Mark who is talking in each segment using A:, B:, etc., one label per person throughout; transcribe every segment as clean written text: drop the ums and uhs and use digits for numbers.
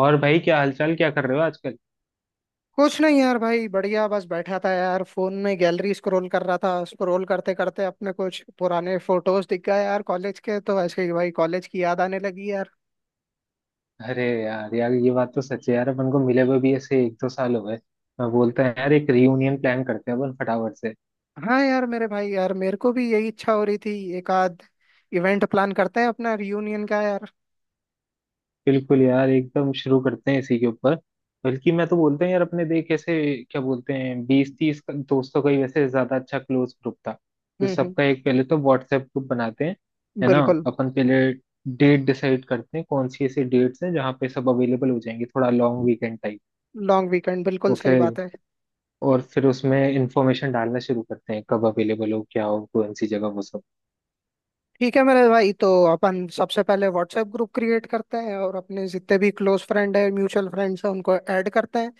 A: और भाई क्या हालचाल, क्या कर रहे हो आजकल।
B: कुछ नहीं यार। भाई बढ़िया। बस बैठा था यार, फोन में गैलरी स्क्रॉल कर रहा था। स्क्रॉल करते करते अपने कुछ पुराने फोटोज दिख गए यार, कॉलेज के। तो ऐसे ही भाई कॉलेज की याद आने लगी यार।
A: अरे यार यार, ये बात तो सच है यार, अपन को मिले हुए भी ऐसे 1-2 साल हो गए। मैं बोलता है यार, एक रियूनियन प्लान करते हैं अपन फटाफट से।
B: हाँ यार मेरे भाई, यार मेरे को भी यही इच्छा हो रही थी। एक आध इवेंट प्लान करते हैं अपना रियूनियन का यार।
A: बिल्कुल यार, एकदम शुरू करते हैं इसी के ऊपर। बल्कि मैं तो बोलता हूँ यार, अपने देख ऐसे क्या बोलते हैं, 20-30 दोस्तों का ही वैसे ज्यादा अच्छा क्लोज ग्रुप था। तो
B: हम्म।
A: सबका एक, पहले तो व्हाट्सएप ग्रुप बनाते हैं। है ना?
B: बिल्कुल।
A: अपन पहले डेट डिसाइड करते हैं, कौन सी ऐसी डेट्स हैं जहाँ पे सब अवेलेबल हो जाएंगे, थोड़ा long weekend type.
B: Long weekend बिल्कुल
A: और
B: सही
A: फिर
B: बात है।
A: और फिर उसमें इंफॉर्मेशन डालना शुरू करते हैं, कब अवेलेबल हो, क्या हो, कौन सी जगह, वो सब।
B: ठीक है मेरे भाई, तो अपन सबसे पहले व्हाट्सएप ग्रुप क्रिएट करते हैं और अपने जितने भी क्लोज फ्रेंड है, म्यूचुअल फ्रेंड्स हैं, उनको ऐड करते हैं।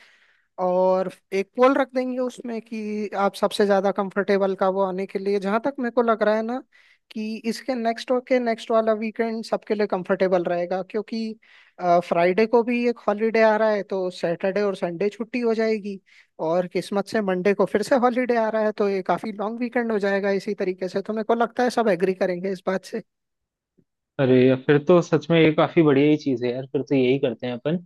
B: और एक पोल रख देंगे उसमें कि आप सबसे ज्यादा कंफर्टेबल का वो आने के लिए। जहां तक मेरे को लग रहा है ना, कि इसके नेक्स्ट के नेक्स्ट वाला वीकेंड सबके लिए कंफर्टेबल रहेगा, क्योंकि फ्राइडे को भी एक हॉलीडे आ रहा है, तो सैटरडे और संडे छुट्टी हो जाएगी। और किस्मत से मंडे को फिर से हॉलीडे आ रहा है, तो ये काफी लॉन्ग वीकेंड हो जाएगा। इसी तरीके से तो मेरे को लगता है सब एग्री करेंगे इस बात से।
A: अरे यार, फिर तो सच में ये काफी बढ़िया ही चीज है यार, फिर तो यही करते हैं अपन।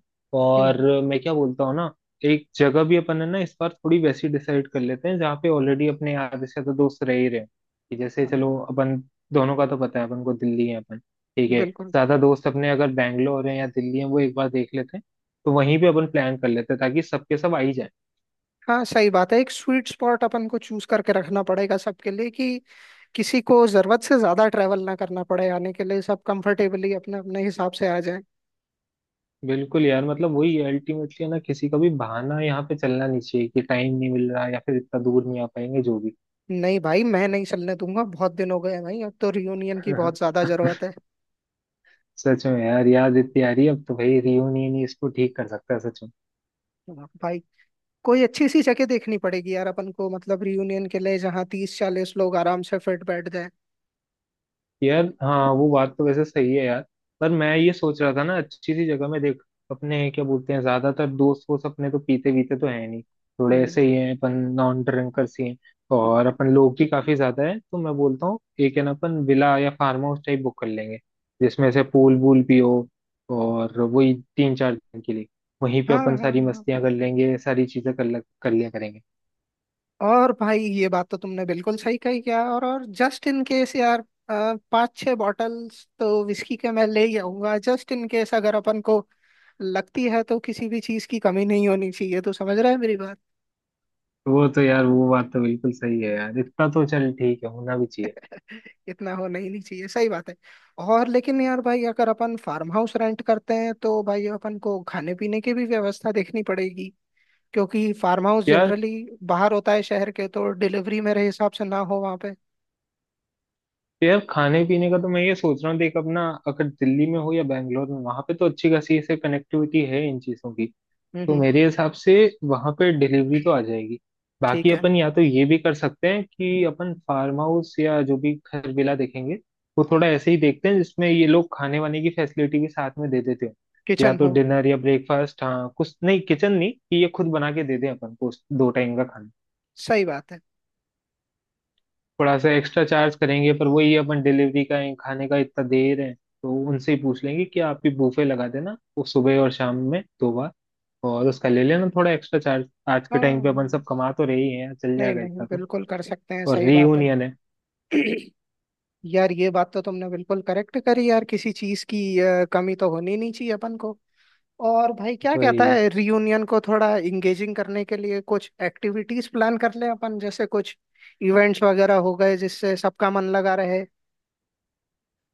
A: और
B: हम्म।
A: मैं क्या बोलता हूँ ना, एक जगह भी अपन, है ना, इस बार थोड़ी वैसी डिसाइड कर लेते हैं जहाँ पे ऑलरेडी अपने आधे से ज्यादा दोस्त रह ही रहे हैं। कि जैसे
B: हाँ।
A: चलो अपन दोनों का तो पता है अपन को, दिल्ली है अपन। ठीक है,
B: बिल्कुल।
A: ज्यादा दोस्त अपने अगर बैंगलोर है या दिल्ली है, वो एक बार देख लेते हैं। तो वहीं पे अपन प्लान कर लेते हैं ताकि सबके सब आ ही जाए।
B: हाँ सही बात है, एक स्वीट स्पॉट अपन को चूज करके रखना पड़ेगा सबके लिए, कि किसी को जरूरत से ज्यादा ट्रैवल ना करना पड़े आने के लिए। सब कंफर्टेबली अपने अपने हिसाब से आ जाए।
A: बिल्कुल यार, मतलब वही अल्टीमेटली, है ना, किसी का भी बहाना यहाँ पे चलना नहीं चाहिए कि टाइम नहीं मिल रहा या फिर इतना दूर नहीं आ पाएंगे, जो भी।
B: नहीं भाई, मैं नहीं चलने दूंगा। बहुत दिन हो गए हैं भाई, अब तो रियूनियन की बहुत ज्यादा जरूरत है।
A: सच में यार, याद इतनी आ रही है अब तो भाई, रियूनियन ही इसको ठीक कर सकता है सच में।
B: हाँ, भाई। कोई अच्छी सी जगह देखनी पड़ेगी यार अपन को, मतलब रियूनियन के लिए, जहाँ 30-40 लोग आराम से फिट बैठ जाए।
A: यार हाँ, वो बात तो वैसे सही है यार। पर मैं ये सोच रहा था ना, अच्छी सी जगह में, देख अपने क्या बोलते हैं, ज्यादातर दोस्त वोस्त अपने तो पीते वीते तो है नहीं, थोड़े
B: हम्म।
A: ऐसे ही हैं अपन, नॉन ड्रिंकर्स ही हैं। और अपन लोग ही काफी ज्यादा है, तो मैं बोलता हूँ एक, है ना, अपन विला या फार्म हाउस टाइप बुक कर लेंगे जिसमें से पूल वूल भी हो। और वही 3-4 दिन के लिए वहीं पे
B: हाँ हाँ
A: अपन सारी
B: हाँ, हाँ।
A: मस्तियां कर लेंगे, सारी चीजें कर लिया करेंगे।
B: और भाई ये बात तो तुमने बिल्कुल सही कही क्या। और जस्ट इन केस यार, पाँच छह बॉटल्स तो विस्की के मैं ले ही आऊंगा, जस्ट इन केस अगर अपन को लगती है। तो किसी भी चीज की कमी नहीं होनी चाहिए। तो समझ रहे हैं मेरी बात।
A: वो तो यार, वो बात तो बिल्कुल सही है यार, इतना तो चल, ठीक है, होना भी चाहिए।
B: इतना होना ही नहीं चाहिए, सही बात है। और लेकिन यार भाई, अगर अपन फार्म हाउस रेंट करते हैं, तो भाई अपन को खाने पीने की भी व्यवस्था देखनी पड़ेगी, क्योंकि फार्म हाउस
A: क्या?
B: जनरली बाहर होता है शहर के। तो डिलीवरी मेरे हिसाब से ना हो वहाँ पे।
A: तो यार खाने पीने का तो मैं ये सोच रहा हूँ, देख अपना अगर दिल्ली में हो या बैंगलोर में, वहां पे तो अच्छी खासी ऐसे कनेक्टिविटी है इन चीजों की।
B: हम्म
A: तो
B: हम्म,
A: मेरे हिसाब से वहां पे डिलीवरी तो आ जाएगी। बाकी
B: ठीक है।
A: अपन या तो ये भी कर सकते हैं कि अपन फार्म हाउस या जो भी घर विला देखेंगे, वो थोड़ा ऐसे ही देखते हैं जिसमें ये लोग खाने वाने की फैसिलिटी भी साथ में दे देते हैं। या
B: किचन
A: तो
B: हो।
A: डिनर या ब्रेकफास्ट, हाँ कुछ नहीं, किचन नहीं, कि ये खुद बना के दे दें अपन को दो टाइम का।
B: सही बात है।
A: थोड़ा सा एक्स्ट्रा चार्ज करेंगे, पर वही अपन डिलीवरी का खाने का इतना दे रहे हैं, तो उनसे ही पूछ लेंगे कि आप भी बूफे लगा देना, वो सुबह और शाम में 2 बार, और उसका ले लेना थोड़ा एक्स्ट्रा चार्ज। आज के
B: हाँ
A: टाइम पे अपन
B: हाँ,
A: सब कमा तो रहे ही हैं, चल
B: नहीं
A: जाएगा
B: नहीं
A: इतना तो।
B: बिल्कुल कर सकते हैं,
A: और
B: सही बात है।
A: रीयूनियन है
B: यार ये बात तो तुमने बिल्कुल करेक्ट करी यार, किसी चीज की कमी तो होनी नहीं चाहिए अपन को। और भाई क्या कहता
A: भाई।
B: है, रियूनियन को थोड़ा इंगेजिंग करने के लिए कुछ एक्टिविटीज प्लान कर लें अपन, जैसे कुछ इवेंट्स वगैरह हो गए, जिससे सबका मन लगा रहे।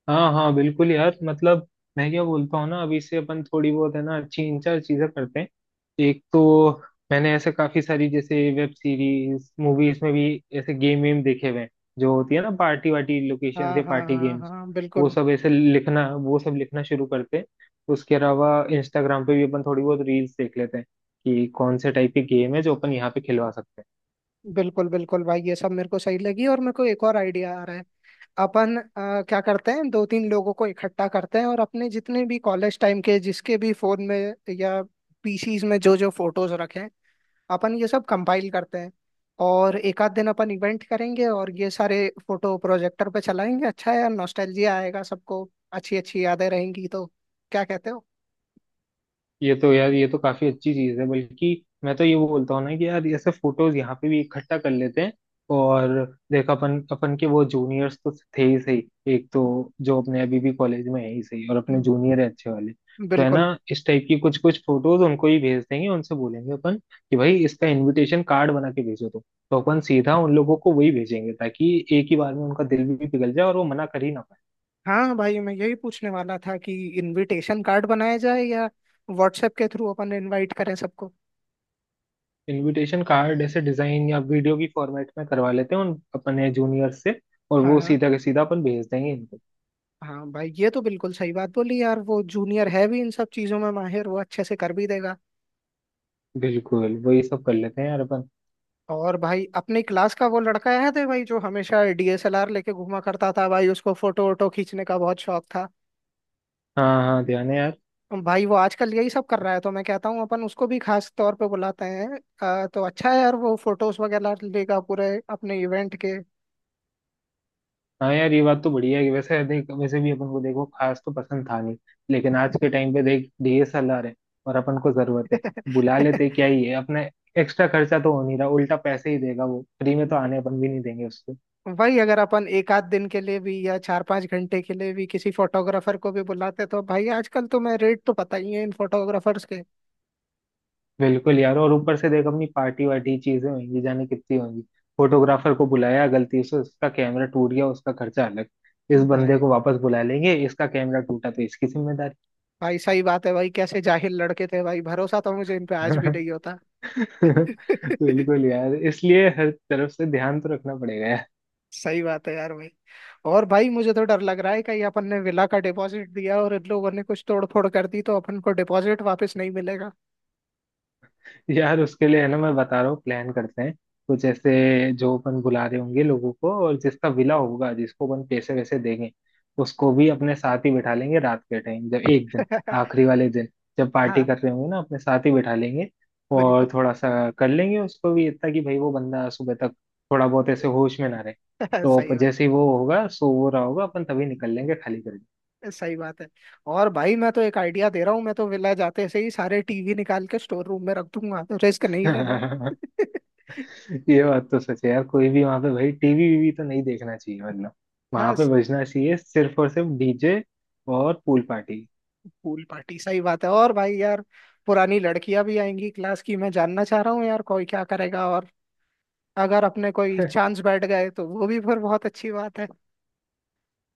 A: हाँ हाँ, बिल्कुल यार, मतलब मैं क्या बोलता हूँ ना, अभी से अपन थोड़ी बहुत, है ना, अच्छी इन चार चीजें करते हैं। एक तो मैंने ऐसे काफी सारी, जैसे वेब सीरीज मूवीज में भी, ऐसे गेम वेम देखे हुए हैं, जो होती है ना पार्टी वार्टी लोकेशन
B: हाँ
A: से,
B: हाँ
A: पार्टी
B: हाँ
A: गेम्स,
B: हाँ
A: वो
B: बिल्कुल।
A: सब ऐसे लिखना, वो सब लिखना शुरू करते हैं। उसके अलावा इंस्टाग्राम पे भी अपन थोड़ी बहुत रील्स देख लेते हैं कि कौन से टाइप की गेम है जो अपन यहाँ पे खिलवा सकते हैं।
B: बिल्कुल बिल्कुल भाई, ये सब मेरे को सही लगी। और मेरे को एक और आइडिया आ रहा है। अपन क्या करते हैं, दो तीन लोगों को इकट्ठा करते हैं, और अपने जितने भी कॉलेज टाइम के जिसके भी फोन में या पीसीज में जो जो फोटोज रखे हैं, अपन ये सब कंपाइल करते हैं। और एक आध दिन अपन इवेंट करेंगे, और ये सारे फोटो प्रोजेक्टर पे चलाएंगे। अच्छा है यार, नॉस्टैल्जिया आएगा सबको। अच्छी अच्छी यादें रहेंगी। तो क्या कहते हो।
A: ये तो यार, ये तो काफी अच्छी चीज है। बल्कि मैं तो ये बोलता हूँ ना कि यार ऐसे फोटोज यहाँ पे भी इकट्ठा कर लेते हैं। और देख अपन अपन के वो जूनियर्स तो थे ही सही। एक तो जो अपने अभी भी कॉलेज में है ही सही, और अपने
B: हम्म,
A: जूनियर है अच्छे वाले, तो है ना,
B: बिल्कुल।
A: इस टाइप की कुछ कुछ फोटोज उनको ही भेज देंगे, उनसे बोलेंगे अपन कि भाई इसका इनविटेशन कार्ड बना के भेजो, तो अपन सीधा उन लोगों को वही भेजेंगे ताकि एक ही बार में उनका दिल भी पिघल जाए और वो मना कर ही ना।
B: हाँ भाई, मैं यही पूछने वाला था कि इनविटेशन कार्ड बनाया जाए, या व्हाट्सएप के थ्रू अपन इनवाइट करें सबको।
A: इनविटेशन कार्ड ऐसे डिजाइन या वीडियो की फॉर्मेट में करवा लेते हैं उन अपने जूनियर से, और
B: हाँ
A: वो
B: हाँ।
A: सीधा के सीधा अपन भेज देंगे इनको।
B: हाँ भाई ये तो बिल्कुल सही बात बोली यार, वो जूनियर है भी इन सब चीजों में माहिर, वो अच्छे से कर भी देगा।
A: बिल्कुल, वही सब कर लेते हैं यार अपन।
B: और भाई अपनी क्लास का वो लड़का याद है भाई, जो हमेशा डीएसएलआर लेके घूमा करता था, भाई उसको फोटो वोटो खींचने का बहुत शौक था।
A: हाँ हाँ ध्यान है यार।
B: भाई वो आजकल यही सब कर रहा है, तो मैं कहता हूँ अपन उसको भी खास तौर पे बुलाते हैं। तो अच्छा है यार, वो फोटोज वगैरह लेगा पूरे अपने इवेंट के।
A: हाँ यार, ये बात तो बढ़िया है कि वैसे देख, वैसे भी अपन को देखो खास तो पसंद था नहीं, लेकिन आज के टाइम पे देख, डीएसएलआर है और अपन को जरूरत है, बुला लेते क्या ही है अपने, एक्स्ट्रा खर्चा तो हो नहीं रहा, उल्टा पैसे ही देगा वो, फ्री में तो आने अपन भी नहीं देंगे उसको।
B: वही अगर अपन एक आध दिन के लिए भी, या चार पांच घंटे के लिए भी किसी फोटोग्राफर को भी बुलाते, तो भाई आजकल तो मैं रेट तो पता ही है इन फोटोग्राफर्स के।
A: बिल्कुल यार, और ऊपर से देख, अपनी पार्टी वार्टी चीजें होंगी, जाने कितनी होंगी। फोटोग्राफर को बुलाया, गलती से उसका कैमरा टूट गया, उसका खर्चा अलग। इस बंदे
B: भाई
A: को वापस बुला लेंगे, इसका कैमरा टूटा तो इसकी जिम्मेदारी।
B: भाई सही बात है भाई, कैसे जाहिल लड़के थे भाई, भरोसा तो मुझे इन पे आज भी नहीं होता।
A: बिल्कुल यार, इसलिए हर तरफ से ध्यान तो रखना पड़ेगा।
B: सही बात है यार भाई। और भाई मुझे तो डर लग रहा है, कहीं अपन ने विला का डिपॉजिट दिया और इन लोगों ने कुछ तोड़ फोड़ कर दी, तो अपन को डिपॉजिट वापस नहीं मिलेगा।
A: यार उसके लिए, है ना, मैं बता रहा हूँ, प्लान करते हैं। कुछ ऐसे जो अपन बुला रहे होंगे लोगों को, और जिसका विला होगा, जिसको अपन पैसे वैसे देंगे, उसको भी अपने साथ ही बिठा लेंगे रात के टाइम जब, एक दिन आखिरी वाले दिन जब पार्टी
B: हाँ
A: कर रहे होंगे ना, अपने साथ ही बिठा लेंगे। और
B: बिल्कुल।
A: थोड़ा सा कर लेंगे उसको भी इतना कि भाई वो बंदा सुबह तक थोड़ा बहुत ऐसे होश में ना रहे। तो
B: सही।
A: जैसे ही वो होगा, सो वो रहा होगा, अपन तभी निकल लेंगे खाली
B: सही बात है। और भाई मैं तो एक आइडिया दे रहा हूँ, मैं तो विला जाते से ही सारे टीवी निकाल के स्टोर रूम में रख दूंगा। तो रिस्क नहीं लेना।
A: करके। ये बात तो सच है यार, कोई भी वहां पे भाई टीवी वीवी तो नहीं देखना चाहिए, मतलब वहां
B: हाँ।
A: पे बजना चाहिए सिर्फ और सिर्फ डीजे और पूल पार्टी।
B: पूल पार्टी सही बात है। और भाई यार पुरानी लड़कियां भी आएंगी क्लास की, मैं जानना चाह रहा हूँ यार कोई क्या करेगा। और अगर अपने कोई चांस बैठ गए, तो वो भी फिर बहुत अच्छी बात है।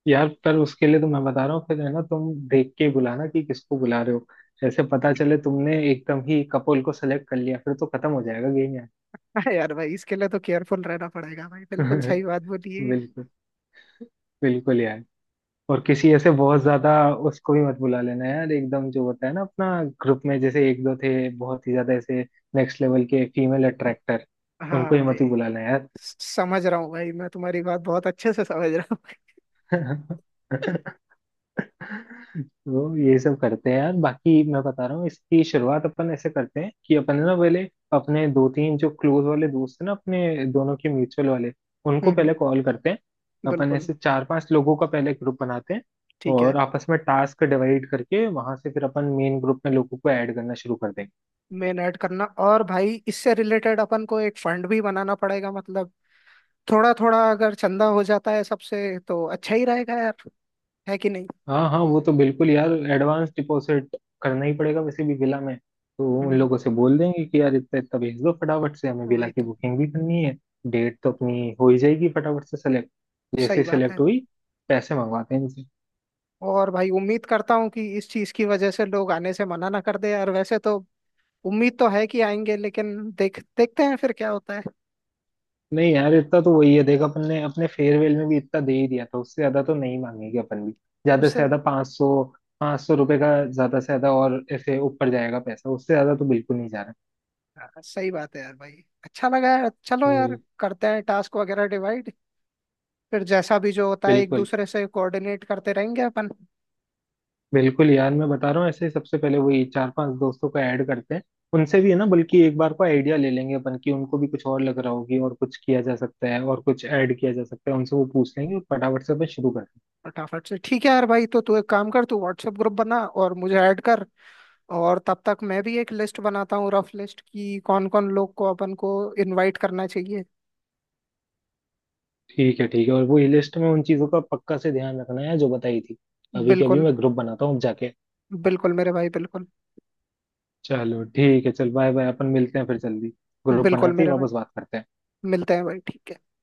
A: यार, पर उसके लिए तो मैं बता रहा हूँ फिर, है ना, तुम देख के बुलाना कि किसको बुला रहे हो। ऐसे पता चले तुमने एकदम ही कपोल को सेलेक्ट कर लिया, फिर तो खत्म हो जाएगा गेम यार।
B: हाँ यार भाई, इसके लिए तो केयरफुल रहना पड़ेगा भाई, बिल्कुल सही बात बोलिए।
A: बिल्कुल, बिल्कुल यार। और किसी ऐसे बहुत ज्यादा, उसको भी मत बुला लेना यार एकदम, जो होता है ना अपना ग्रुप में जैसे एक दो थे बहुत ही ज्यादा ऐसे, नेक्स्ट लेवल के फीमेल अट्रैक्टर, उनको
B: हाँ
A: ही
B: भाई,
A: मत ही बुला लेना
B: समझ रहा हूँ भाई, मैं तुम्हारी बात बहुत अच्छे से समझ रहा हूँ।
A: यार। तो ये सब करते हैं यार। बाकी मैं बता रहा हूँ, इसकी शुरुआत अपन ऐसे करते हैं कि अपन, है ना, पहले अपने दो तीन जो क्लोज वाले दोस्त हैं ना, अपने दोनों के म्यूचुअल वाले, उनको
B: हम्म, हम्म,
A: पहले कॉल करते हैं। अपन
B: बिल्कुल।
A: ऐसे 4-5 लोगों का पहले ग्रुप बनाते हैं,
B: ठीक है।
A: और आपस में टास्क डिवाइड करके वहां से फिर अपन मेन ग्रुप में लोगों को ऐड करना शुरू कर देंगे।
B: मेन ऐड करना। और भाई इससे रिलेटेड अपन को एक फंड भी बनाना पड़ेगा, मतलब थोड़ा थोड़ा अगर चंदा हो जाता है सबसे, तो अच्छा ही रहेगा यार। है कि नहीं।
A: हाँ हाँ, वो तो बिल्कुल यार, एडवांस डिपॉजिट करना ही पड़ेगा वैसे भी विला में। तो वो उन
B: हम्म।
A: लोगों से बोल देंगे कि यार इतना इतना भेज दो फटाफट से, हमें विला
B: वही
A: की
B: तो।
A: बुकिंग भी करनी है। डेट तो अपनी हो ही जाएगी फटाफट से सेलेक्ट। जैसे
B: सही
A: ही
B: बात है।
A: सेलेक्ट हुई, पैसे मंगवाते हैं इनसे।
B: और भाई उम्मीद करता हूँ कि इस चीज की वजह से लोग आने से मना ना कर दे यार। वैसे तो उम्मीद तो है कि आएंगे, लेकिन देख देखते हैं फिर क्या होता है
A: नहीं यार, इतना तो वही है, देख अपन ने अपने फेयरवेल में भी इतना दे ही दिया था, उससे ज्यादा तो नहीं मांगेंगे अपन भी। ज्यादा से
B: उससे
A: ज्यादा 500, 500 रुपये का ज्यादा से ज्यादा, और ऐसे ऊपर जाएगा पैसा, उससे ज्यादा तो बिल्कुल नहीं जा रहा
B: हाँ, सही बात है यार भाई। अच्छा लगा यार, चलो
A: है
B: यार
A: वही।
B: करते हैं टास्क वगैरह डिवाइड। फिर जैसा भी जो होता है एक
A: बिल्कुल,
B: दूसरे से कोऑर्डिनेट करते रहेंगे अपन।
A: बिल्कुल यार, मैं बता रहा हूँ ऐसे ही, सबसे पहले वही 4-5 दोस्तों को ऐड करते हैं। उनसे भी, है ना, बल्कि एक बार को आइडिया ले लेंगे अपन कि उनको भी कुछ और लग रहा होगी और कुछ किया जा सकता है, और कुछ ऐड किया जा सकता है उनसे, वो पूछ लेंगे और फटाफट से अपन शुरू करते हैं।
B: फटाफट से ठीक है यार भाई, तो तू एक काम कर, तू व्हाट्सएप ग्रुप बना और मुझे ऐड कर। और तब तक मैं भी एक लिस्ट बनाता हूँ, रफ लिस्ट, कि कौन कौन लोग को अपन को इनवाइट करना चाहिए।
A: ठीक है ठीक है, और वो लिस्ट में उन चीजों का पक्का से ध्यान रखना है जो बताई थी। अभी के अभी
B: बिल्कुल।
A: मैं ग्रुप बनाता हूँ जाके।
B: बिल्कुल मेरे भाई बिल्कुल।
A: चलो ठीक है, चल बाय बाय, अपन मिलते हैं फिर जल्दी। ग्रुप
B: बिल्कुल
A: बनाते ही
B: मेरे भाई,
A: वापस बात करते हैं।
B: मिलते हैं भाई ठीक है।